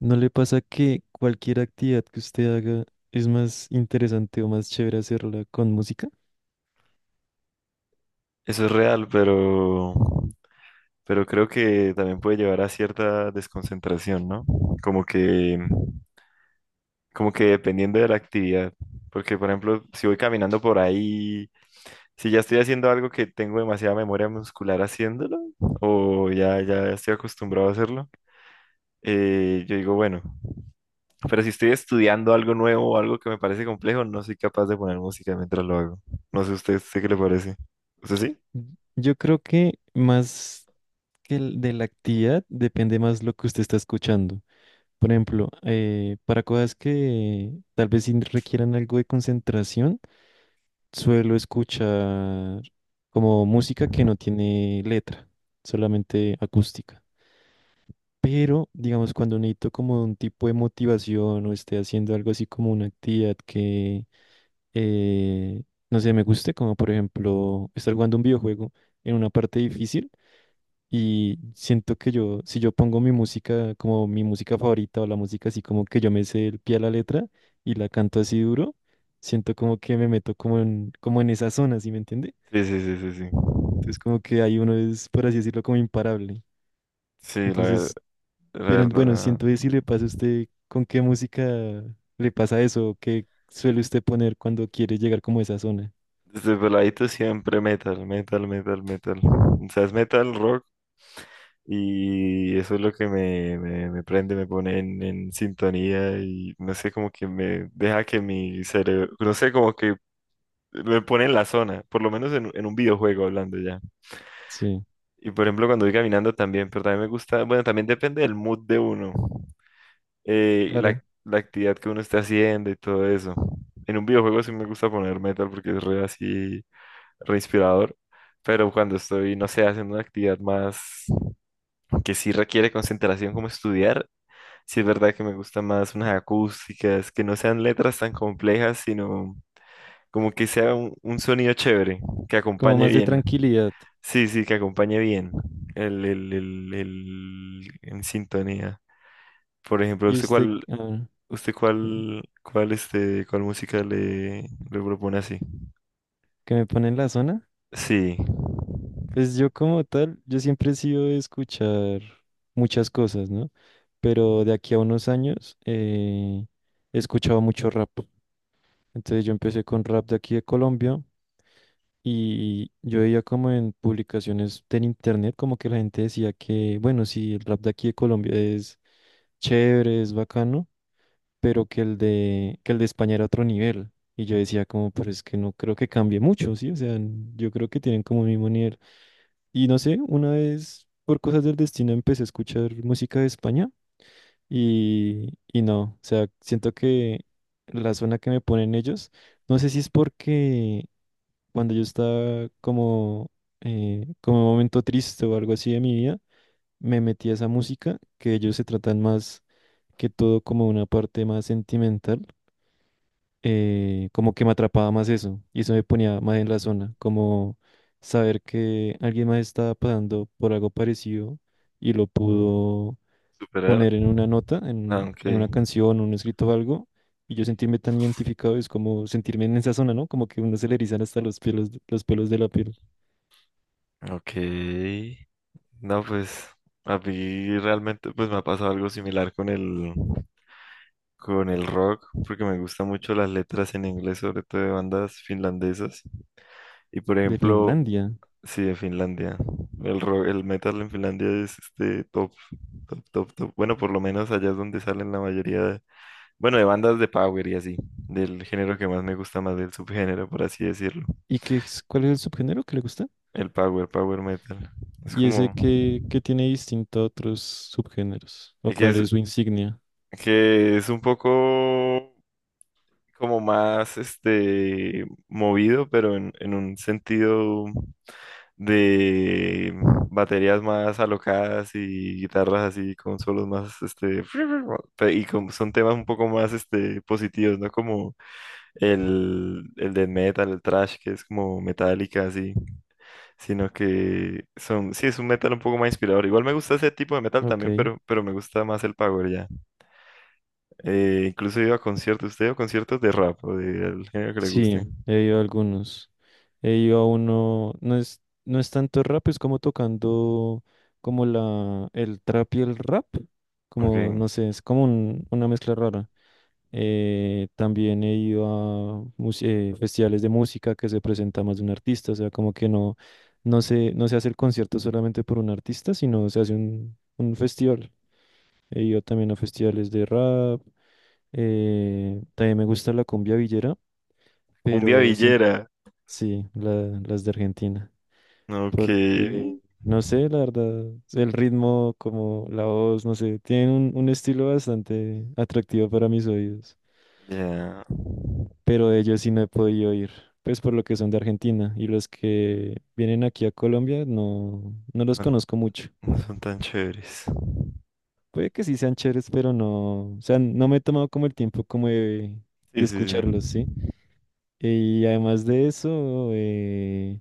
¿No le pasa que cualquier actividad que usted haga es más interesante o más chévere hacerla con música? Eso es real, pero creo que también puede llevar a cierta desconcentración, ¿no? Como que, como que dependiendo de la actividad. Porque, por ejemplo, si voy caminando por ahí, si ya estoy haciendo algo que tengo demasiada memoria muscular haciéndolo, o ya estoy acostumbrado a hacerlo, yo digo, bueno, pero si estoy estudiando algo nuevo o algo que me parece complejo, no soy capaz de poner música mientras lo hago. No sé usted, ¿usted qué le parece? ¿Usted sí? Y- Yo creo que más que el de la actividad depende más lo que usted está escuchando. Por ejemplo, para cosas que tal vez sí requieran algo de concentración, suelo escuchar como música que no tiene letra, solamente acústica. Pero, digamos, cuando necesito como un tipo de motivación o esté haciendo algo así como una actividad que eh, no sé, me guste, como por ejemplo estar jugando un videojuego en una parte difícil y siento que yo, si yo pongo mi música como mi música favorita o la música así como que yo me sé el pie a la letra y la canto así duro, siento como que me meto como en, como en esa zona, ¿sí me entiende? Sí, sí, sí, sí, sí. Entonces como que ahí uno es, por así decirlo, como imparable. Sí, la, Entonces, La pero bueno, verdad, siento que si le pasa a usted, ¿con qué música le pasa eso? ¿Qué suele usted poner cuando quiere llegar como a esa zona? desde peladito siempre metal, metal, metal, metal. O sea, es metal, rock, y eso es lo que me prende, me pone en sintonía y no sé, como que me deja que mi cerebro, no sé, como que me pone en la zona, por lo menos en un videojuego hablando ya. Sí, Y por ejemplo, cuando voy caminando también, pero también me gusta, bueno, también depende del mood de uno, claro. la actividad que uno esté haciendo y todo eso. En un videojuego sí me gusta poner metal porque es re así. Respirador, pero cuando estoy, no sé, haciendo una actividad más que sí requiere concentración como estudiar, sí es verdad que me gustan más unas acústicas, que no sean letras tan complejas, sino como que sea un sonido chévere, que Como acompañe más de bien. tranquilidad. Sí, sí, que acompañe bien en sintonía. Por ejemplo, ¿Y usted usted este, ¿cuál música le propone así? que me pone en la zona? Sí, Pues yo como tal, yo siempre he sido de escuchar muchas cosas, ¿no? Pero de aquí a unos años he escuchado mucho rap. Entonces yo empecé con rap de aquí de Colombia y yo veía como en publicaciones del internet como que la gente decía que, bueno, sí, el rap de aquí de Colombia es chévere, es bacano, pero que el de España era otro nivel. Y yo decía como, pero es que no creo que cambie mucho, ¿sí? O sea, yo creo que tienen como el mismo nivel. Y no sé, una vez por cosas del destino empecé a escuchar música de España y no, o sea, siento que la zona que me ponen ellos, no sé si es porque cuando yo estaba como, como en un momento triste o algo así de mi vida, me metí a esa música que ellos se tratan más que todo como una parte más sentimental como que me atrapaba más eso y eso me ponía más en la zona, como saber que alguien más estaba pasando por algo parecido y lo pudo superar. poner en una nota, Ah, en aunque, una canción, un escrito o algo, y yo sentirme tan identificado es como sentirme en esa zona, ¿no? Como que uno se le erizan hasta los pelos de la piel ok, no, pues a mí realmente pues me ha pasado algo similar con con el rock, porque me gustan mucho las letras en inglés, sobre todo de bandas finlandesas. Y por de ejemplo, Finlandia. sí, de Finlandia. El rock, el metal en Finlandia es este top, top, top, top. Bueno, por lo menos allá es donde salen la mayoría de, bueno, de bandas de power y así, del género que más me gusta más, del subgénero, por así decirlo. ¿Y qué es, cuál es el subgénero que le gusta? El power, power metal. Es ¿Y ese como... que, tiene distinto a otros subgéneros? ¿O Es que cuál es, es su insignia? que es un poco como más este movido, pero en un sentido de baterías más alocadas y guitarras así con solos más este pe- y como son temas un poco más este positivos, ¿no? Como el de metal, el thrash que es como metálica así, sino que son sí es un metal un poco más inspirador. Igual me gusta ese tipo de metal también, Ok. pero me gusta más el power ya. Incluso iba a conciertos, usted iba a conciertos de rap o del género que le Sí, guste. he ido a algunos. He ido a uno, no es, no es tanto rap, es como tocando como el trap y el rap. Ok. Como, no sé, es como una mezcla rara. También he ido a festivales de música que se presenta más de un artista, o sea, como que no, no se hace el concierto solamente por un artista, sino se hace un festival. He ido también a festivales de rap, también me gusta la cumbia villera, Cumbia pero siento. villera. Sí, las de Argentina. Ok. Porque, no sé, la verdad, el ritmo, como la voz, no sé, tienen un estilo bastante atractivo para mis oídos. Ya. Pero de ellos sí no he podido oír, pues por lo que son de Argentina. Y los que vienen aquí a Colombia no, no los No, conozco mucho. no son tan chéveres. Puede que sí sean chéveres, pero no, o sea, no me he tomado como el tiempo como de Sí, sí, sí. escucharlos, ¿sí? Y además de eso,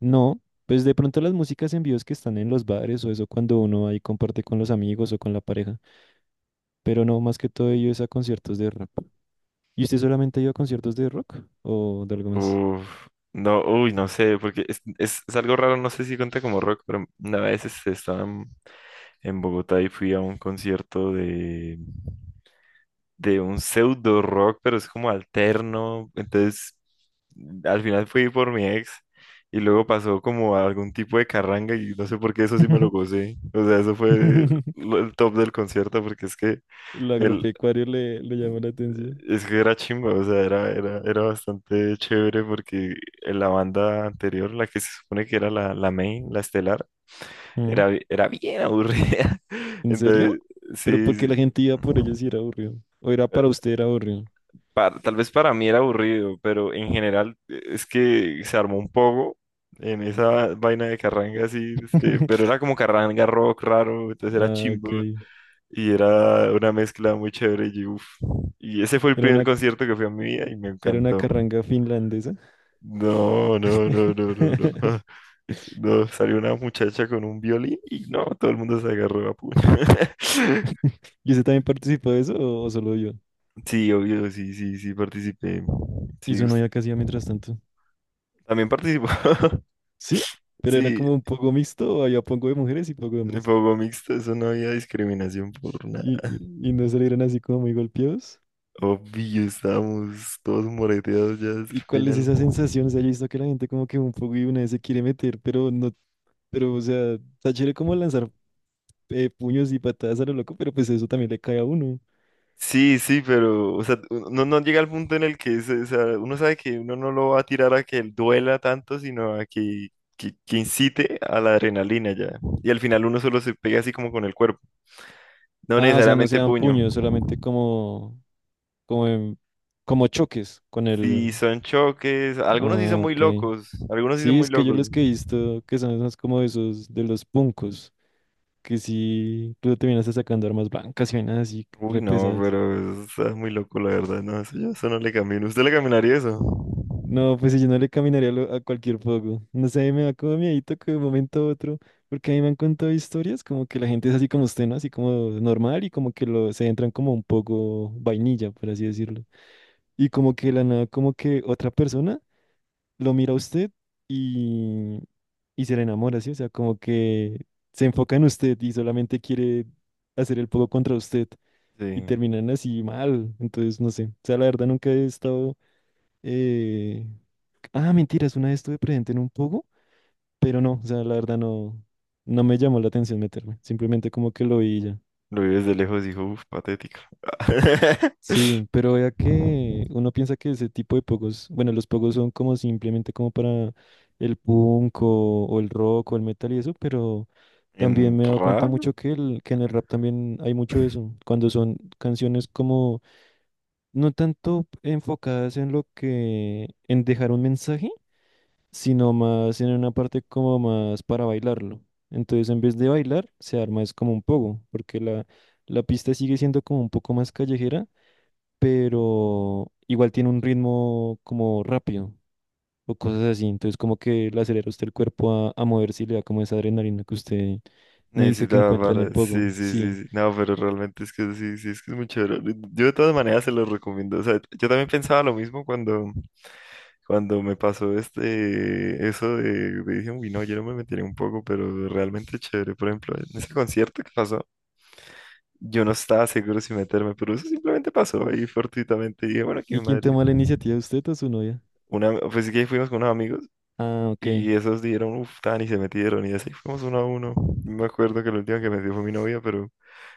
no, pues de pronto las músicas en vivos que están en los bares o eso cuando uno ahí comparte con los amigos o con la pareja, pero no, más que todo ello es a conciertos de rap. ¿Y usted solamente ha ido a conciertos de rock o de algo más? Uf. No, uy, no sé, porque es algo raro, no sé si cuenta como rock, pero una vez este, estaba en Bogotá y fui a un concierto de un pseudo rock, pero es como alterno. Entonces, al final fui por mi ex y luego pasó como a algún tipo de carranga y no sé por qué eso sí me lo gocé. O sea, eso fue lo- el top del concierto porque es que Lo el agropecuario le, le llama la atención. es que era chimba, o sea, era bastante chévere porque en la banda anterior, la que se supone que era la main, la estelar, Mm. era bi- era bien aburrida. ¿En serio? Entonces, Pero sí, porque la sí. gente iba por ellos y era aburrido. O era para usted era aburrido. Pa- tal vez para mí era aburrido, pero en general, es que se armó un poco en esa vaina de carranga así, este, pero era como carranga rock raro, entonces era Ah, chimbo ok. y era una mezcla muy chévere y uff. Y ese fue el Era primer una, concierto que fui en mi vida y me era una encantó. carranga finlandesa. No, no, no, no, no, no. No, salió una muchacha con un violín y no, todo el mundo se agarró a puño. ¿Y usted también participó de eso o solo yo? Sí, obvio, sí, sí, sí, participé. ¿Y Sí, su us- novia qué hacía mientras tanto? también participó. ¿Sí? ¿Pero era Sí, como un poco mixto había poco de mujeres y poco de de hombres? fuego mixto, eso no había discriminación por nada. ¿Y, y no salieron así como muy golpeados? Obvio, estábamos todos moreteados ya hasta ¿Y el cuál es final. esa sensación? O sea, yo he visto que la gente como que un poco y una vez se quiere meter, pero no, pero o sea, está chévere como lanzar puños y patadas a lo loco, pero pues eso también le cae a uno. Sí, sí, pero, o sea, no llega al punto en el que se- o sea, uno sabe que uno no lo va a tirar a que duela tanto, sino a que incite a la adrenalina ya. Y al final uno solo se pega así como con el cuerpo, no Ah, o sea, no se necesariamente dan puño. puños, solamente como, como, como choques con Sí, el... son choques, algunos sí Ah, son muy ok. locos, algunos sí son Sí, muy es que yo locos. los que he visto que son esos como esos de los puncos, que sí, luego terminas sacando armas blancas y vainas así, Uy, re no, pesadas. pero eso es muy loco, la verdad. No, eso yo eso no le camino. ¿Usted le caminaría eso? No, pues si yo no le caminaría a a cualquier fuego. No sé, me da como miedito que de un momento a otro, porque a mí me han contado historias como que la gente es así como usted, ¿no? Así como normal y como que lo, se entran como un poco vainilla, por así decirlo. Y como que de la nada, como que otra persona lo mira a usted y, y se le enamora, ¿sí? O sea, como que se enfoca en usted y solamente quiere hacer el poco contra usted y Sí. terminan así mal. Entonces, no sé. O sea, la verdad nunca he estado... eh, Ah, mentiras, una vez estuve presente en un poco, pero no, o sea, la verdad no, no me llamó la atención meterme. Simplemente como que lo vi y ya. Lo vi desde lejos y dijo, uff, patético. Sí, pero vea que uno piensa que ese tipo de pogos, bueno, los pogos son como simplemente como para el punk o el rock o el metal y eso, pero también ¿En me he dado cuenta rap? mucho que, que en el rap también hay mucho de eso, cuando son canciones como no tanto enfocadas en lo que, en dejar un mensaje, sino más en una parte como más para bailarlo. Entonces, en vez de bailar, se arma es como un pogo, porque la pista sigue siendo como un poco más callejera pero igual tiene un ritmo como rápido o cosas así. Entonces como que le acelera a usted el cuerpo a moverse y le da como esa adrenalina que usted me dice que Necesitaba encuentra en para... el pogo. Sí, sí, Sí. sí, sí. No, pero realmente es que sí, sí, es que es muy chévere. Yo de todas maneras se lo recomiendo. O sea, yo también pensaba lo mismo cuando, cuando me pasó este... eso de dije, uy, no, yo no me metería un poco, pero realmente es chévere. Por ejemplo, en ese concierto que pasó. Yo no estaba seguro si meterme, pero eso simplemente pasó ahí fortuitamente. Y dije, bueno, aquí ¿Y en quién Madrid toma la iniciativa, usted o su novia? una, pues sí que fuimos con unos amigos Ah, ok. y esos dieron, uff, tan y se metieron y así fuimos uno a uno. Me acuerdo que la última que metió fue mi novia, pero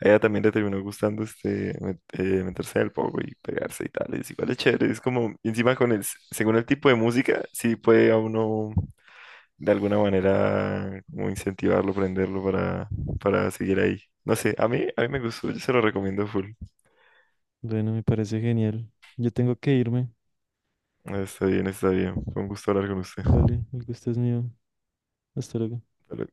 a ella también le terminó gustando este, met- meterse en poco y pegarse y tal. Es igual es chévere, es como, y encima con el, s- según el tipo de música, sí puede a uno de alguna manera como incentivarlo, prenderlo para seguir ahí. No sé, a mí me gustó, yo se lo recomiendo full. Bueno, me parece genial. Yo tengo que irme. Está bien, está bien. Fue un gusto hablar con usted. Vale, el gusto es mío. Hasta luego. Hasta luego.